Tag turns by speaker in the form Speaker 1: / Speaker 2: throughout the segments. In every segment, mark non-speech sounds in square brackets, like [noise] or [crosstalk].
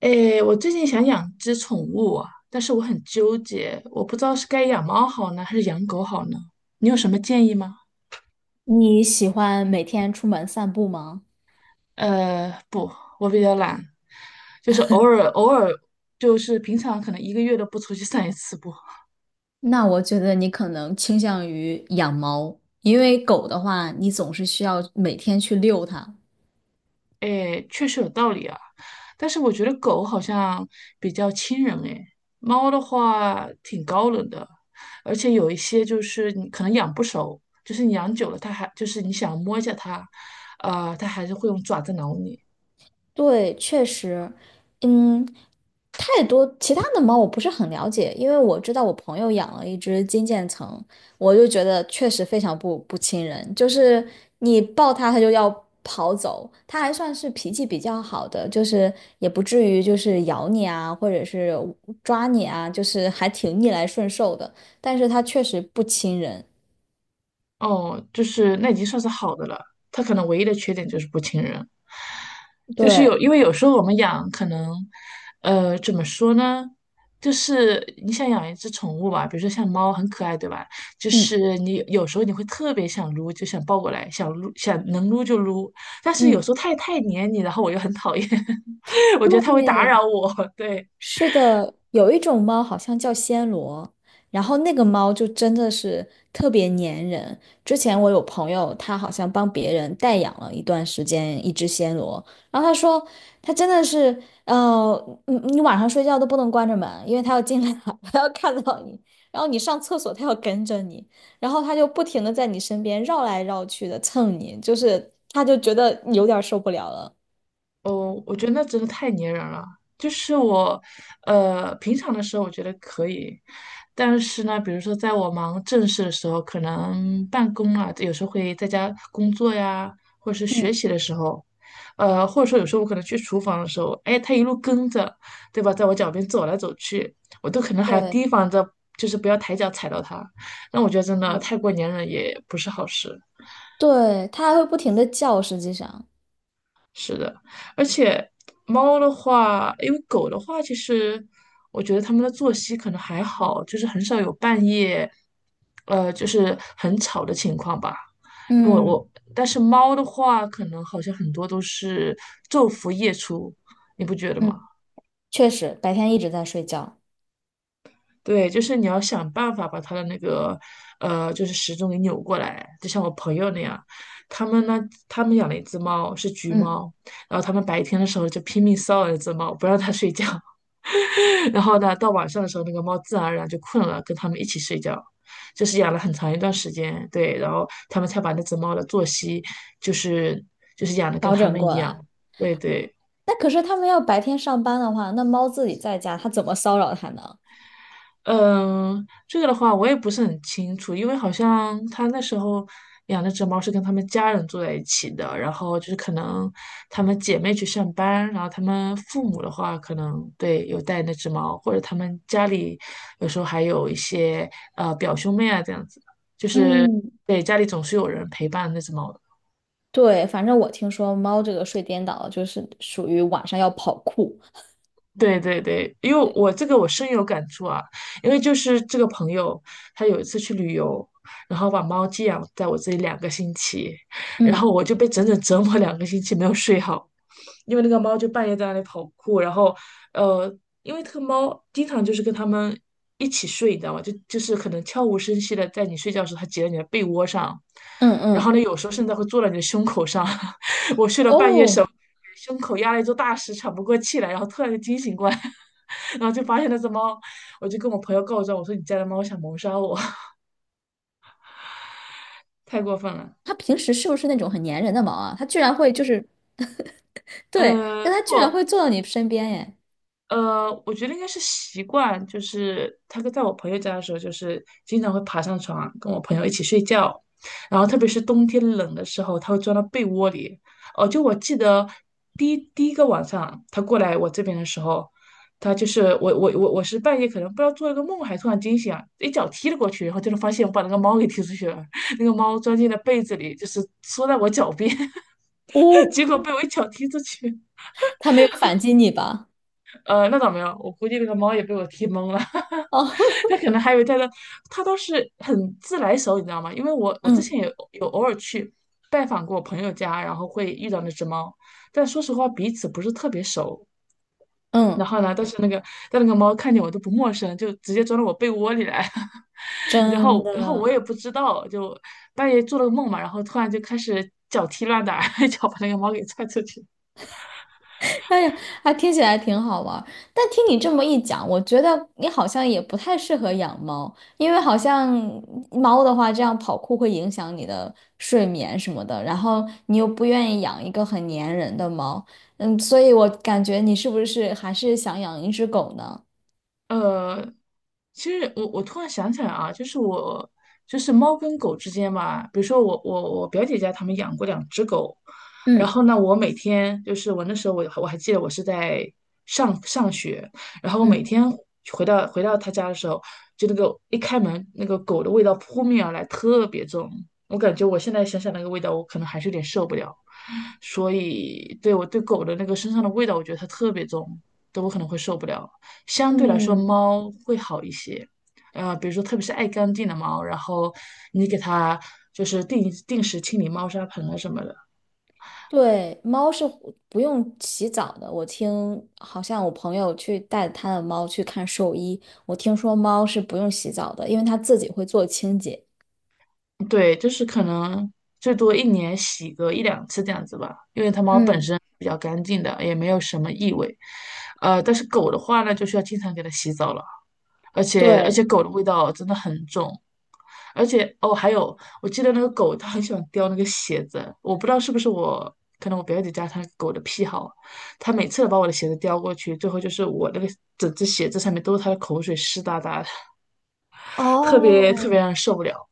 Speaker 1: 诶，我最近想养只宠物啊，但是我很纠结，我不知道是该养猫好呢，还是养狗好呢？你有什么建议吗？
Speaker 2: 你喜欢每天出门散步吗？
Speaker 1: 不，我比较懒，就是偶尔，就是平常可能一个月都不出去散一次步。
Speaker 2: 那我觉得你可能倾向于养猫，因为狗的话，你总是需要每天去遛它。
Speaker 1: 哎，确实有道理啊，但是我觉得狗好像比较亲人哎，猫的话挺高冷的，而且有一些就是你可能养不熟，就是你养久了它还就是你想摸一下它，它还是会用爪子挠你。
Speaker 2: 对，确实，嗯，太多其他的猫我不是很了解，因为我知道我朋友养了一只金渐层，我就觉得确实非常不亲人，就是你抱它它就要跑走，它还算是脾气比较好的，就是也不至于就是咬你啊，或者是抓你啊，就是还挺逆来顺受的，但是它确实不亲人。
Speaker 1: 哦，就是那已经算是好的了。它可能唯一的缺点就是不亲人，就是有，
Speaker 2: 对，
Speaker 1: 因为有时候我们养可能，怎么说呢？就是你想养一只宠物吧，比如说像猫，很可爱，对吧？就
Speaker 2: 嗯
Speaker 1: 是你有时候你会特别想撸，就想抱过来，想撸，想能撸就撸。但是有时
Speaker 2: 嗯，
Speaker 1: 候它也太黏你，然后我又很讨厌，[laughs] 我觉得它会打
Speaker 2: 对。
Speaker 1: 扰我，对。
Speaker 2: 是的，有一种猫好像叫暹罗，然后那个猫就真的是特别粘人。之前我有朋友，他好像帮别人代养了一段时间一只暹罗，然后他说他真的是，你晚上睡觉都不能关着门，因为它要进来，[laughs] 它要看到你，然后你上厕所它要跟着你，然后它就不停的在你身边绕来绕去的蹭你，就是他就觉得有点儿受不了了。
Speaker 1: 哦，我觉得那真的太粘人了。就是我，平常的时候我觉得可以，但是呢，比如说在我忙正事的时候，可能办公啊，有时候会在家工作呀，或者是学
Speaker 2: 嗯
Speaker 1: 习的时候，或者说有时候我可能去厨房的时候，哎，他一路跟着，对吧，在我脚边走来走去，我都可能还要提
Speaker 2: 对。
Speaker 1: 防着，就是不要抬脚踩到他。那我觉得真的太
Speaker 2: 嗯。
Speaker 1: 过粘人也不是好事。
Speaker 2: 对，它还会不停的叫，实际上。
Speaker 1: 是的，而且猫的话，因为狗的话，其实我觉得它们的作息可能还好，就是很少有半夜，就是很吵的情况吧。因为我
Speaker 2: 嗯
Speaker 1: 但是猫的话，可能好像很多都是昼伏夜出，你不觉得吗？
Speaker 2: 嗯，确实白天一直在睡觉。
Speaker 1: 对，就是你要想办法把它的那个，就是时钟给扭过来，就像我朋友那样，他们呢，他们养了一只猫，是橘
Speaker 2: 嗯，
Speaker 1: 猫，然后他们白天的时候就拼命骚扰那只猫，不让它睡觉，[laughs] 然后呢，到晚上的时候，那个猫自然而然就困了，跟他们一起睡觉，就是养了很长一段时间，对，然后他们才把那只猫的作息，就是就是养的跟
Speaker 2: 调
Speaker 1: 他
Speaker 2: 整
Speaker 1: 们一
Speaker 2: 过来。
Speaker 1: 样，对对。
Speaker 2: 那可是他们要白天上班的话，那猫自己在家，它怎么骚扰它呢？
Speaker 1: 嗯，这个的话我也不是很清楚，因为好像他那时候养那只猫是跟他们家人住在一起的，然后就是可能他们姐妹去上班，然后他们父母的话可能对有带那只猫，或者他们家里有时候还有一些表兄妹啊这样子，
Speaker 2: 嗯
Speaker 1: 对，家里总是有人陪伴那只猫的。
Speaker 2: 对，反正我听说猫这个睡颠倒就是属于晚上要跑酷。
Speaker 1: 对对对，因为我这个我深有感触啊，因为就是这个朋友，他有一次去旅游，然后把猫寄养在我这里两个星期，然后
Speaker 2: 嗯
Speaker 1: 我就被整整折磨两个星期没有睡好，因为那个猫就半夜在那里跑酷，然后呃，因为这个猫经常就是跟它们一起睡，你知道吗？就是可能悄无声息的在你睡觉的时候，它挤在你的被窝上，
Speaker 2: 嗯
Speaker 1: 然
Speaker 2: 嗯，
Speaker 1: 后呢，有时候甚至会坐在你的胸口上，[laughs] 半夜手
Speaker 2: 哦，
Speaker 1: 胸口压了一座大石，喘不过气来，然后突然就惊醒过来，[laughs] 然后就发现那只猫，我就跟我朋友告状，我说你家的猫想谋杀我，[laughs] 太过分了。
Speaker 2: 它平时是不是那种很粘人的猫啊？它居然会就是，对，但它居然
Speaker 1: 不，
Speaker 2: 会坐到你身边耶！
Speaker 1: 我觉得应该是习惯，就是他跟在我朋友家的时候，就是经常会爬上床啊跟我朋友一起睡觉，然后特别是冬天冷的时候，他会钻到被窝里。哦，就我记得第一个晚上他过来我这边的时候，他就是我是半夜可能不知道做了个梦，还突然惊醒啊，一脚踢了过去，然后就能发现我把那个猫给踢出去了，[laughs] 那个猫钻进了被子里，就是缩在我脚边，[laughs]
Speaker 2: 哦，
Speaker 1: 结果被我一脚踢出去。
Speaker 2: 它没有反击你吧？
Speaker 1: 那倒没有，我估计那个猫也被我踢懵了。
Speaker 2: 哦，
Speaker 1: [laughs] 他可能还以为他的，他都是很自来熟，你知道吗？因为我
Speaker 2: [laughs]
Speaker 1: 我之
Speaker 2: 嗯
Speaker 1: 前也有偶尔去拜访过我朋友家，然后会遇到那只猫，但说实话彼此不是特别熟。然
Speaker 2: 嗯，
Speaker 1: 后呢，但那个猫看见我都不陌生，就直接钻到我被窝里来，[laughs] 然
Speaker 2: 真
Speaker 1: 后然后我
Speaker 2: 的。
Speaker 1: 也不知道，就半夜做了个梦嘛，然后突然就开始脚踢乱打，[laughs] 一脚把那个猫给踹出去。
Speaker 2: 哎呀，还听起来挺好玩儿。但听你这么一讲，我觉得你好像也不太适合养猫，因为好像猫的话，这样跑酷会影响你的睡眠什么的，然后你又不愿意养一个很粘人的猫。嗯，所以我感觉你是不是还是想养一只狗呢？
Speaker 1: 呃，其实我突然想起来啊，就是我就是猫跟狗之间嘛，比如说我表姐家他们养过两只狗，然
Speaker 2: 嗯
Speaker 1: 后呢，我每天就是我那时候我还记得我是在上学，然后我每
Speaker 2: 嗯。
Speaker 1: 天回到他家的时候，就那个一开门那个狗的味道扑面而来，特别重，我感觉我现在想想那个味道，我可能还是有点受不了，所以对我对狗的那个身上的味道，我觉得它特别重，都我可能会受不了。相对来说
Speaker 2: 嗯。
Speaker 1: 猫会好一些。比如说特别是爱干净的猫，然后你给它就是定时清理猫砂盆啊什么的，
Speaker 2: 对，猫是不用洗澡的。我听好像我朋友去带他的猫去看兽医，我听说猫是不用洗澡的，因为它自己会做清洁。
Speaker 1: 对，就是可能最多一年洗个一两次这样子吧，因为它猫本
Speaker 2: 嗯，
Speaker 1: 身比较干净的，也没有什么异味。但是狗的话呢，就需要经常给它洗澡了。而且
Speaker 2: 对，
Speaker 1: 狗的味道真的很重，而且哦，还有我记得那个狗它很喜欢叼那个鞋子，我不知道是不是我，可能我表姐家它狗的癖好，它每次把我的鞋子叼过去，最后就是我那个整只鞋子上面都是它的口水，湿哒哒的，特别特别
Speaker 2: 哦，
Speaker 1: 让人受不了。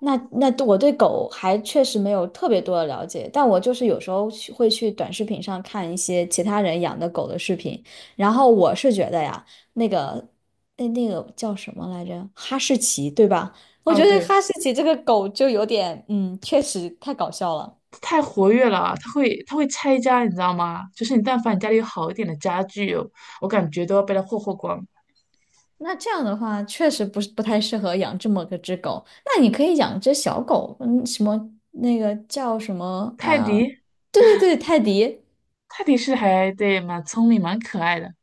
Speaker 2: 那我对狗还确实没有特别多的了解，但我就是有时候去会去短视频上看一些其他人养的狗的视频，然后我是觉得呀，那个那个叫什么来着，哈士奇对吧？我
Speaker 1: 啊，
Speaker 2: 觉得
Speaker 1: 对，
Speaker 2: 哈士奇这个狗就有点，确实太搞笑了。
Speaker 1: 太活跃了，它会拆家，你知道吗？就是你但凡你家里有好一点的家具哦，我感觉都要被它霍霍光。
Speaker 2: 那这样的话，确实不是不太适合养这么个只狗。那你可以养只小狗，嗯，什么那个叫什么
Speaker 1: 泰
Speaker 2: 啊？
Speaker 1: 迪
Speaker 2: 对对对，泰迪。
Speaker 1: 泰迪是还对蛮聪明蛮可爱的。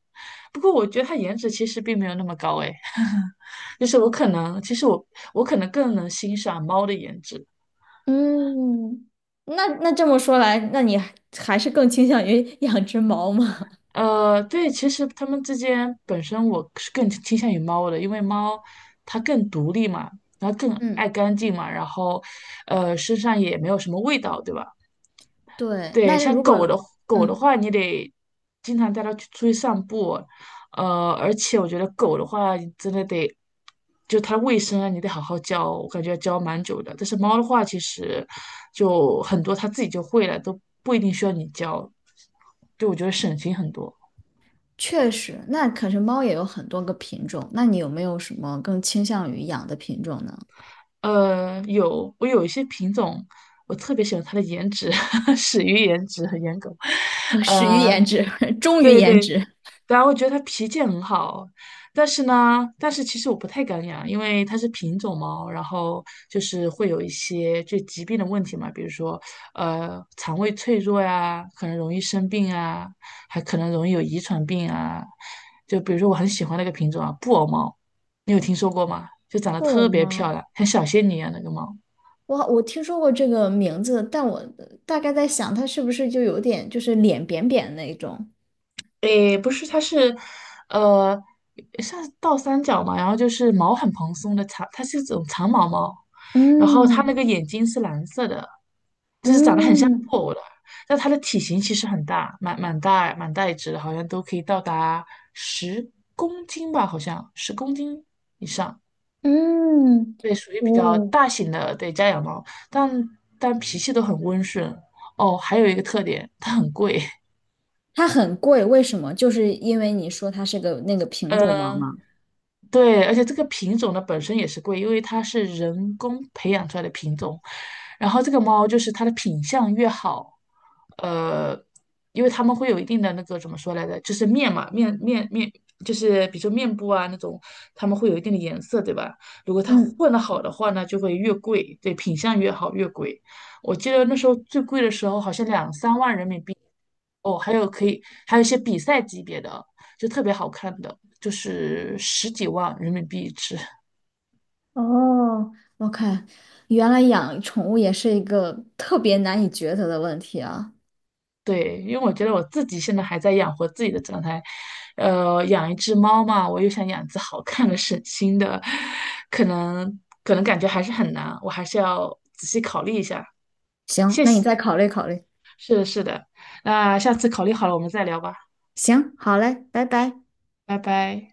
Speaker 1: 不过我觉得它颜值其实并没有那么高诶，[laughs] 就是我可能，其实我可能更能欣赏猫的颜值。
Speaker 2: 嗯，那这么说来，那你还是更倾向于 [laughs] 养只猫吗？
Speaker 1: 对，其实它们之间本身我是更倾向于猫的，因为猫它更独立嘛，然后更爱
Speaker 2: 嗯，
Speaker 1: 干净嘛，然后身上也没有什么味道，对吧？
Speaker 2: 对。
Speaker 1: 对，
Speaker 2: 那
Speaker 1: 像
Speaker 2: 如
Speaker 1: 狗的
Speaker 2: 果
Speaker 1: 狗的
Speaker 2: 嗯，
Speaker 1: 话，你得经常带它去出去散步，而且我觉得狗的话，你真的得就它的卫生啊，你得好好教，我感觉要教蛮久的。但是猫的话，其实就很多它自己就会了，都不一定需要你教。对，我觉得省心很多。
Speaker 2: 确实，那可是猫也有很多个品种，那你有没有什么更倾向于养的品种呢？
Speaker 1: 有我有一些品种，我特别喜欢它的颜值，[laughs] 始于颜值和颜狗。
Speaker 2: [laughs] 始
Speaker 1: 呃，
Speaker 2: 于颜值，[laughs] 忠于
Speaker 1: 对
Speaker 2: 颜
Speaker 1: 对，
Speaker 2: 值。
Speaker 1: 然后我觉得它脾气很好，但是呢，但是其实我不太敢养，因为它是品种猫，然后就是会有一些就疾病的问题嘛，比如说肠胃脆弱呀，可能容易生病啊，还可能容易有遗传病啊。就比如说我很喜欢那个品种啊，布偶猫，你有听说过吗？就长得
Speaker 2: 布偶
Speaker 1: 特别漂
Speaker 2: 猫，
Speaker 1: 亮，像小仙女一样那个猫。
Speaker 2: 我听说过这个名字，但我大概在想，它是不是就有点就是脸扁扁那种？
Speaker 1: 诶，不是，它是，呃，像是倒三角嘛，然后就是毛很蓬松的长，它是一种长毛猫，然后它那
Speaker 2: 嗯
Speaker 1: 个眼睛是蓝色的，
Speaker 2: 嗯
Speaker 1: 但它的体型其实很大，蛮大一只的，好像都可以到达十公斤吧，好像十公斤以上，
Speaker 2: 嗯，
Speaker 1: 对，属于比较
Speaker 2: 哦，
Speaker 1: 大型的，对，家养猫，但但脾气都很温顺。哦，还有一个特点，它很贵，
Speaker 2: 它很贵，为什么？就是因为你说它是个那个
Speaker 1: [laughs]
Speaker 2: 品种猫
Speaker 1: 嗯。
Speaker 2: 吗？
Speaker 1: 对，而且这个品种呢本身也是贵，因为它是人工培养出来的品种，然后这个猫就是它的品相越好，呃，因为它们会有一定的那个怎么说来着，就是面嘛，面面面，就是比如说面部啊那种，它们会有一定的颜色，对吧？如果它
Speaker 2: 嗯，
Speaker 1: 混得好的话呢，就会越贵，对，品相越好越贵。我记得那时候最贵的时候好像两三万人民币，哦，还有可以还有一些比赛级别的，就特别好看的，就是十几万人民币一只。
Speaker 2: 哦，我看，原来养宠物也是一个特别难以抉择的问题啊。
Speaker 1: 对，因为我觉得我自己现在还在养活自己的状态，养一只猫嘛，我又想养一只好看的、省心的，可能感觉还是很难，我还是要仔细考虑一下。
Speaker 2: 行，
Speaker 1: 谢
Speaker 2: 那
Speaker 1: 谢，
Speaker 2: 你再考虑考虑。
Speaker 1: 是的，是的，那下次考虑好了我们再聊吧，
Speaker 2: 行，好嘞，拜拜。
Speaker 1: 拜拜。